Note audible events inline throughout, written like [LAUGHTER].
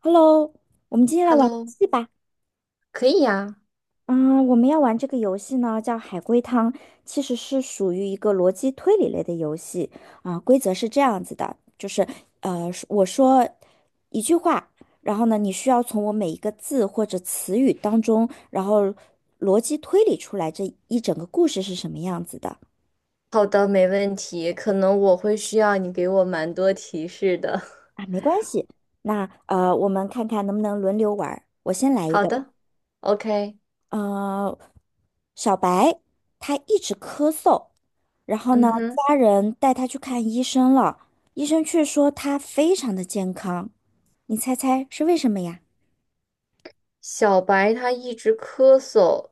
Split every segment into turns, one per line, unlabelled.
Hello，我们今天来玩游
Hello,
戏吧。
可以呀。
嗯，我们要玩这个游戏呢，叫海龟汤，其实是属于一个逻辑推理类的游戏。啊、规则是这样子的，就是我说一句话，然后呢，你需要从我每一个字或者词语当中，然后逻辑推理出来这一整个故事是什么样子的。
好的，没问题。可能我会需要你给我蛮多提示的。
啊，没关系，那我们看看能不能轮流玩儿。我先
[LAUGHS]
来一
好
个吧。
的，OK。
呃，小白他一直咳嗽，然后呢，
嗯哼，
家人带他去看医生了，医生却说他非常的健康。你猜猜是为什么呀？
小白他一直咳嗽，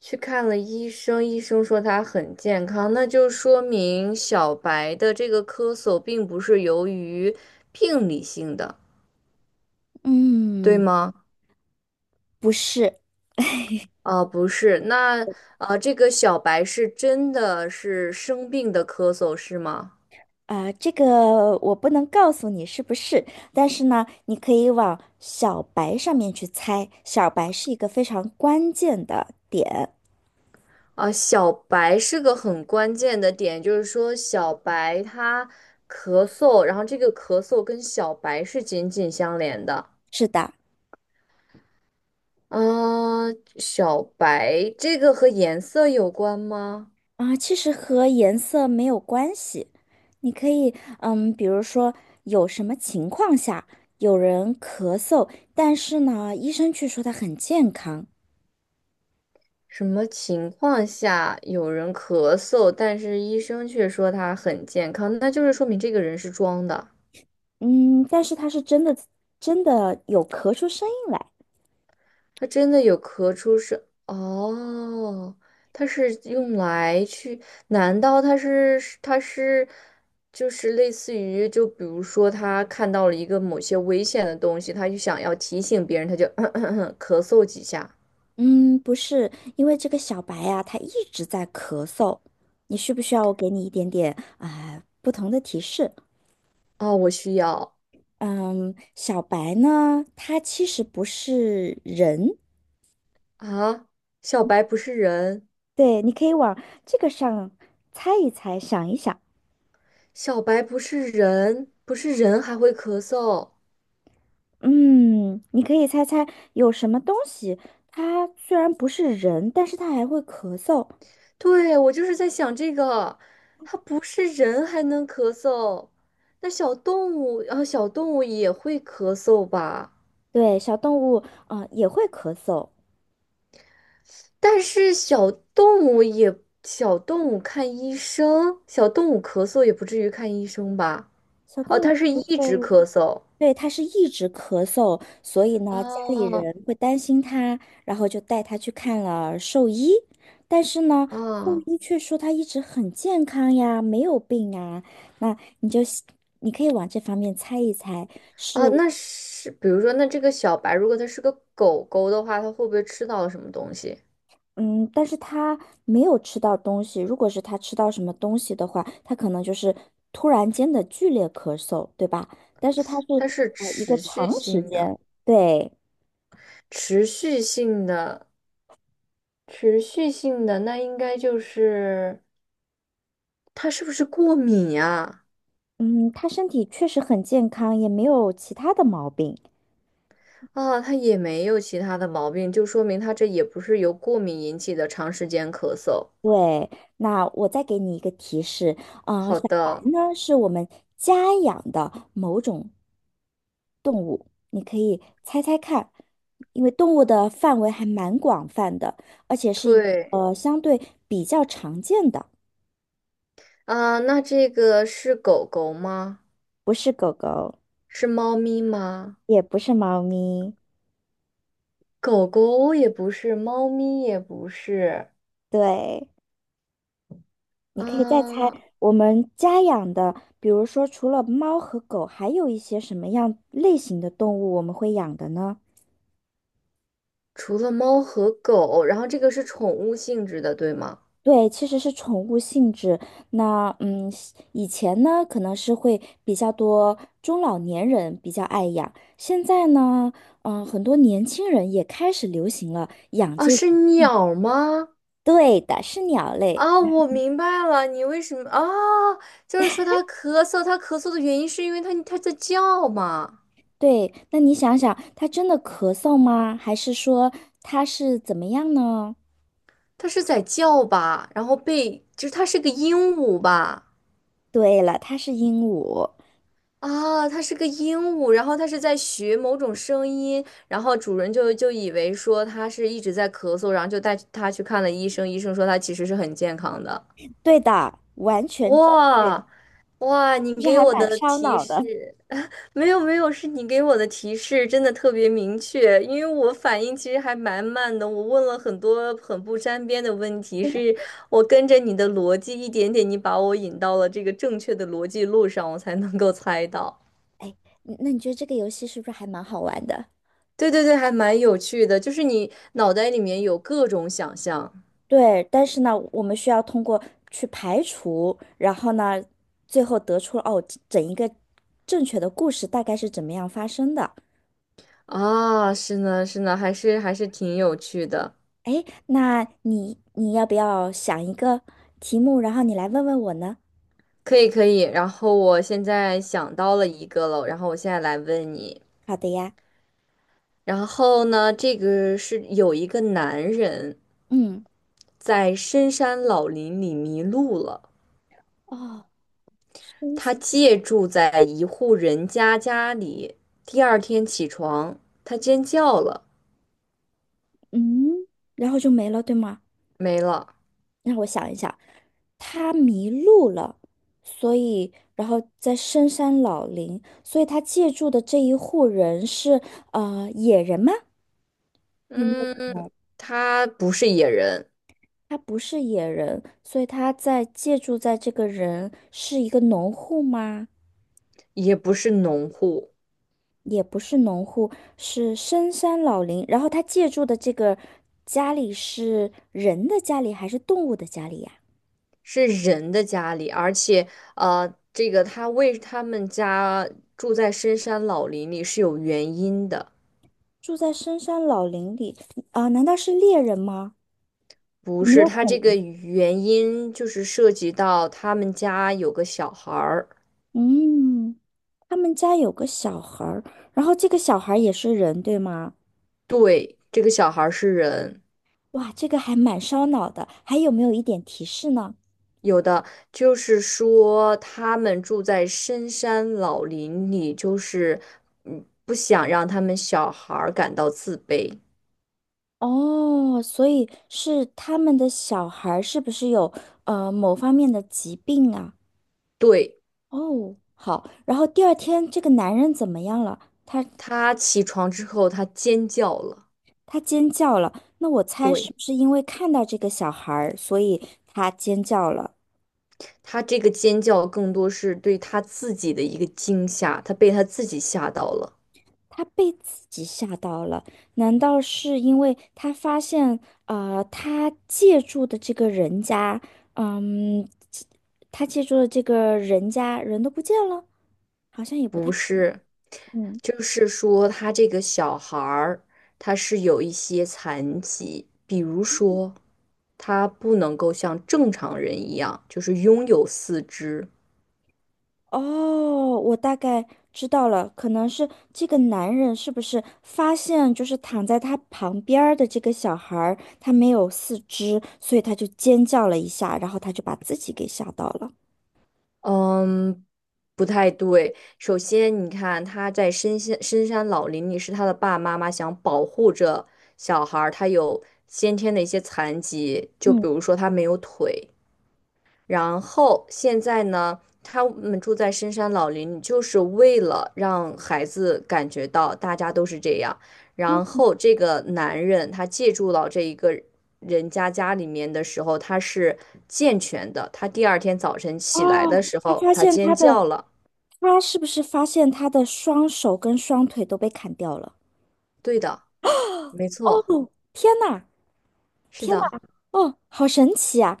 去看了医生，医生说他很健康，那就说明小白的这个咳嗽并不是由于病理性的，对
嗯，
吗？
不是
不是，那这个小白是真的是生病的咳嗽，是吗？
啊，这个我不能告诉你是不是，但是呢，你可以往小白上面去猜，小白是一个非常关键的点。
啊，小白是个很关键的点，就是说小白他咳嗽，然后这个咳嗽跟小白是紧紧相连的。
是的。
啊，小白这个和颜色有关吗？
啊，其实和颜色没有关系，你可以，比如说有什么情况下有人咳嗽，但是呢，医生却说他很健康，
什么情况下有人咳嗽，但是医生却说他很健康，那就是说明这个人是装的。
嗯，但是他是真的真的有咳出声音来，
它真的有咳出声哦，它是用来去？难道它是就是类似于就比如说他看到了一个某些危险的东西，他就想要提醒别人，他就 [CLEARS THROAT] 咳嗽几下。
嗯，不是，因为这个小白呀，他一直在咳嗽，你需不需要我给你一点点啊，不同的提示？
哦，我需要
嗯，小白呢，他其实不是人，
啊！小白不是人，
对，你可以往这个上猜一猜，想一想。
小白不是人，不是人还会咳嗽。
嗯，你可以猜猜有什么东西，它虽然不是人，但是它还会咳嗽。
对，我就是在想这个，它不是人还能咳嗽，那小动物，然后小动物也会咳嗽吧？
对，小动物啊，也会咳嗽。
但是小动物也，小动物看医生，小动物咳嗽也不至于看医生吧？
小
哦，
动物
它是
咳
一直
嗽，
咳嗽。
对，它是一直咳嗽，所以呢，家里
哦，
人会担心它，然后就带它去看了兽医。但是呢，兽
啊，
医却说它一直很健康呀，没有病啊。那你就你可以往这方面猜一猜。是。
啊，那是，比如说，那这个小白，如果它是个狗狗的话，它会不会吃到了什么东西？
嗯，但是他没有吃到东西。如果是他吃到什么东西的话，他可能就是突然间的剧烈咳嗽，对吧？但是他是
它是
一个
持续
长时
性的，
间，对，
持续性的。持续性的那应该就是它是不是过敏呀？
嗯，他身体确实很健康，也没有其他的毛病。
啊，它也没有其他的毛病，就说明它这也不是由过敏引起的长时间咳嗽。
对，那我再给你一个提示，啊，小
好
白
的，
呢是我们家养的某种，你可以猜猜看，因为动物的范围还蛮广泛的，而且是
对，
相对比较常见的。
啊，那这个是狗狗吗？
不是狗狗，
是猫咪吗？
也不是猫咪。
狗狗也不是，猫咪也不是，
对，你可以再猜
啊，
我们家养的，比如说除了猫和狗，还有一些什么样类型的动物我们会养的呢？
除了猫和狗，然后这个是宠物性质的，对吗？
对，其实是宠物性质。那以前呢可能是会比较多中老年人比较爱养，现在呢，很多年轻人也开始流行了养
啊，
这，
是
嗯
鸟吗？
对的，是鸟类。
啊，我明白了，你为什么啊？就是说他咳嗽，他咳嗽的原因是因为他在叫嘛，
对，那你想想，他真的咳嗽吗？还是说他是怎么样呢？
他是在叫吧，然后被就是他是个鹦鹉吧？
对了，他是鹦鹉。
啊，他是个鹦鹉，然后他是在学某种声音，然后主人就以为说他是一直在咳嗽，然后就带他去看了医生，医生说他其实是很健康的。
对的，完全正确，
哇，哇，你
就是
给
还
我
蛮
的
烧
提
脑的。
示。没有，是你给我的提示真的特别明确，因为我反应其实还蛮慢的，我问了很多很不沾边的问题，是我跟着你的逻辑一点点，你把我引到了这个正确的逻辑路上，我才能够猜到。
哎，那你觉得这个游戏是不是还蛮好玩的？
对对对，还蛮有趣的，就是你脑袋里面有各种想象
对，但是呢，我们需要通过去排除，然后呢，最后得出哦，整一个正确的故事大概是怎么样发生的。
啊，是呢是呢，还是挺有趣的，
哎，那你要不要想一个题目，然后你来问问我呢？
可以可以。然后我现在想到了一个了，然后我现在来问你。
好的呀，
然后呢，这个是有一个男人
嗯。
在深山老林里迷路了，
哦，生
他
下，
借住在一户人家家里。第二天起床，他尖叫了，
嗯，然后就没了，对吗？
没了。
让我想一想，他迷路了，所以，然后在深山老林，所以他借住的这一户人是野人吗？有没有
嗯，
可能
他不是野人，
他不是野人，所以他在借住在这个人是一个农户吗？
也不是农户，
也不是农户，是深山老林。然后他借住的这个家里是人的家里还是动物的家里呀？
是人的家里，而且呃，这个他为他们家住在深山老林里是有原因的。
住在深山老林里啊，难道是猎人吗？
不
有没
是，
有可
他这个
能？
原因就是涉及到他们家有个小孩儿，
嗯，他们家有个小孩儿，然后这个小孩儿也是人，对吗？
对，这个小孩儿是人，
哇，这个还蛮烧脑的，还有没有一点提示呢？
有的就是说他们住在深山老林里，就是不想让他们小孩儿感到自卑。
哦，所以是他们的小孩儿是不是有某方面的疾病啊？
对，
哦，好，然后第二天这个男人怎么样了？
他起床之后，他尖叫了，
他尖叫了，那我猜是
对，
不是因为看到这个小孩儿，所以他尖叫了？
他这个尖叫更多是对他自己的一个惊吓，他被他自己吓到了，
他被自己吓到了，难道是因为他发现，他借住的这个人家，嗯，他借住的这个人家人都不见了？好像也不
不
太，
是。
嗯，
就是说，他这个小孩儿，他是有一些残疾，比如说，他不能够像正常人一样，就是拥有四肢。
哦，我大概知道了，可能是这个男人是不是发现就是躺在他旁边儿的这个小孩儿，他没有四肢，所以他就尖叫了一下，然后他就把自己给吓到了。
嗯，不太对。首先，你看他在深山老林里，是他的爸爸妈妈想保护着小孩儿，他有先天的一些残疾，就比如说他没有腿。然后现在呢，他们住在深山老林就是为了让孩子感觉到大家都是这样。
嗯
然
嗯，
后这个男人他借住到这一个人家家里面的时候，他是健全的。他第二天早晨起来的
哦，
时候，他尖叫了。
他是不是发现他的双手跟双腿都被砍掉了？
对的，没错，
哦，天呐，
是
天
的，
呐，哦，好神奇啊！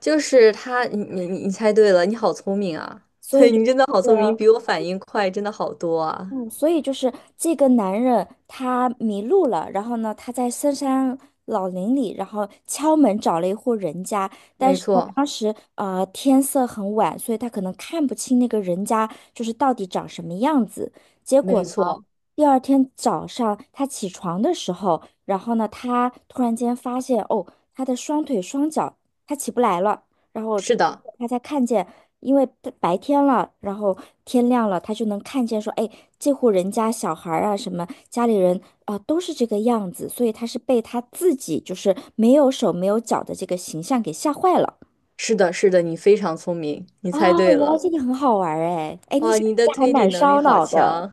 就是他。你猜对了，你好聪明啊！[LAUGHS]
所以
对，
就
你真的好聪明，
是
比我反应快，真的好多啊！
嗯，所以就是这个男人他迷路了，然后呢，他在深山老林里，然后敲门找了一户人家，但
没
是呢，
错，
当时天色很晚，所以他可能看不清那个人家就是到底长什么样子。结果
没
呢，
错，
第二天早上他起床的时候，然后呢，他突然间发现哦，他的双腿双脚他起不来了。然后
是的。
他才看见，因为白天了，然后天亮了，他就能看见说，哎，这户人家小孩儿啊，什么家里人啊，都是这个样子，所以他是被他自己就是没有手没有脚的这个形象给吓坏了。
是的，是的，你非常聪明，你
哦，
猜对
原来
了。
这个很好玩儿哎，哎，你
哇，
想
你
这
的
个还
推理
蛮
能力
烧
好
脑的，
强，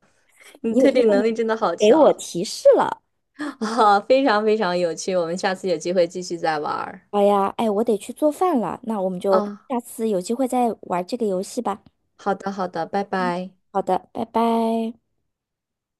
你的
因为
推
因
理
为
能力
你
真的好
给我
强
提示了。
[LAUGHS] 啊，非常非常有趣。我们下次有机会继续再玩儿
好呀，哎，我得去做饭了，那我们就
啊。
下次有机会再玩这个游戏吧。
好的，好的，拜拜。
好的，拜拜。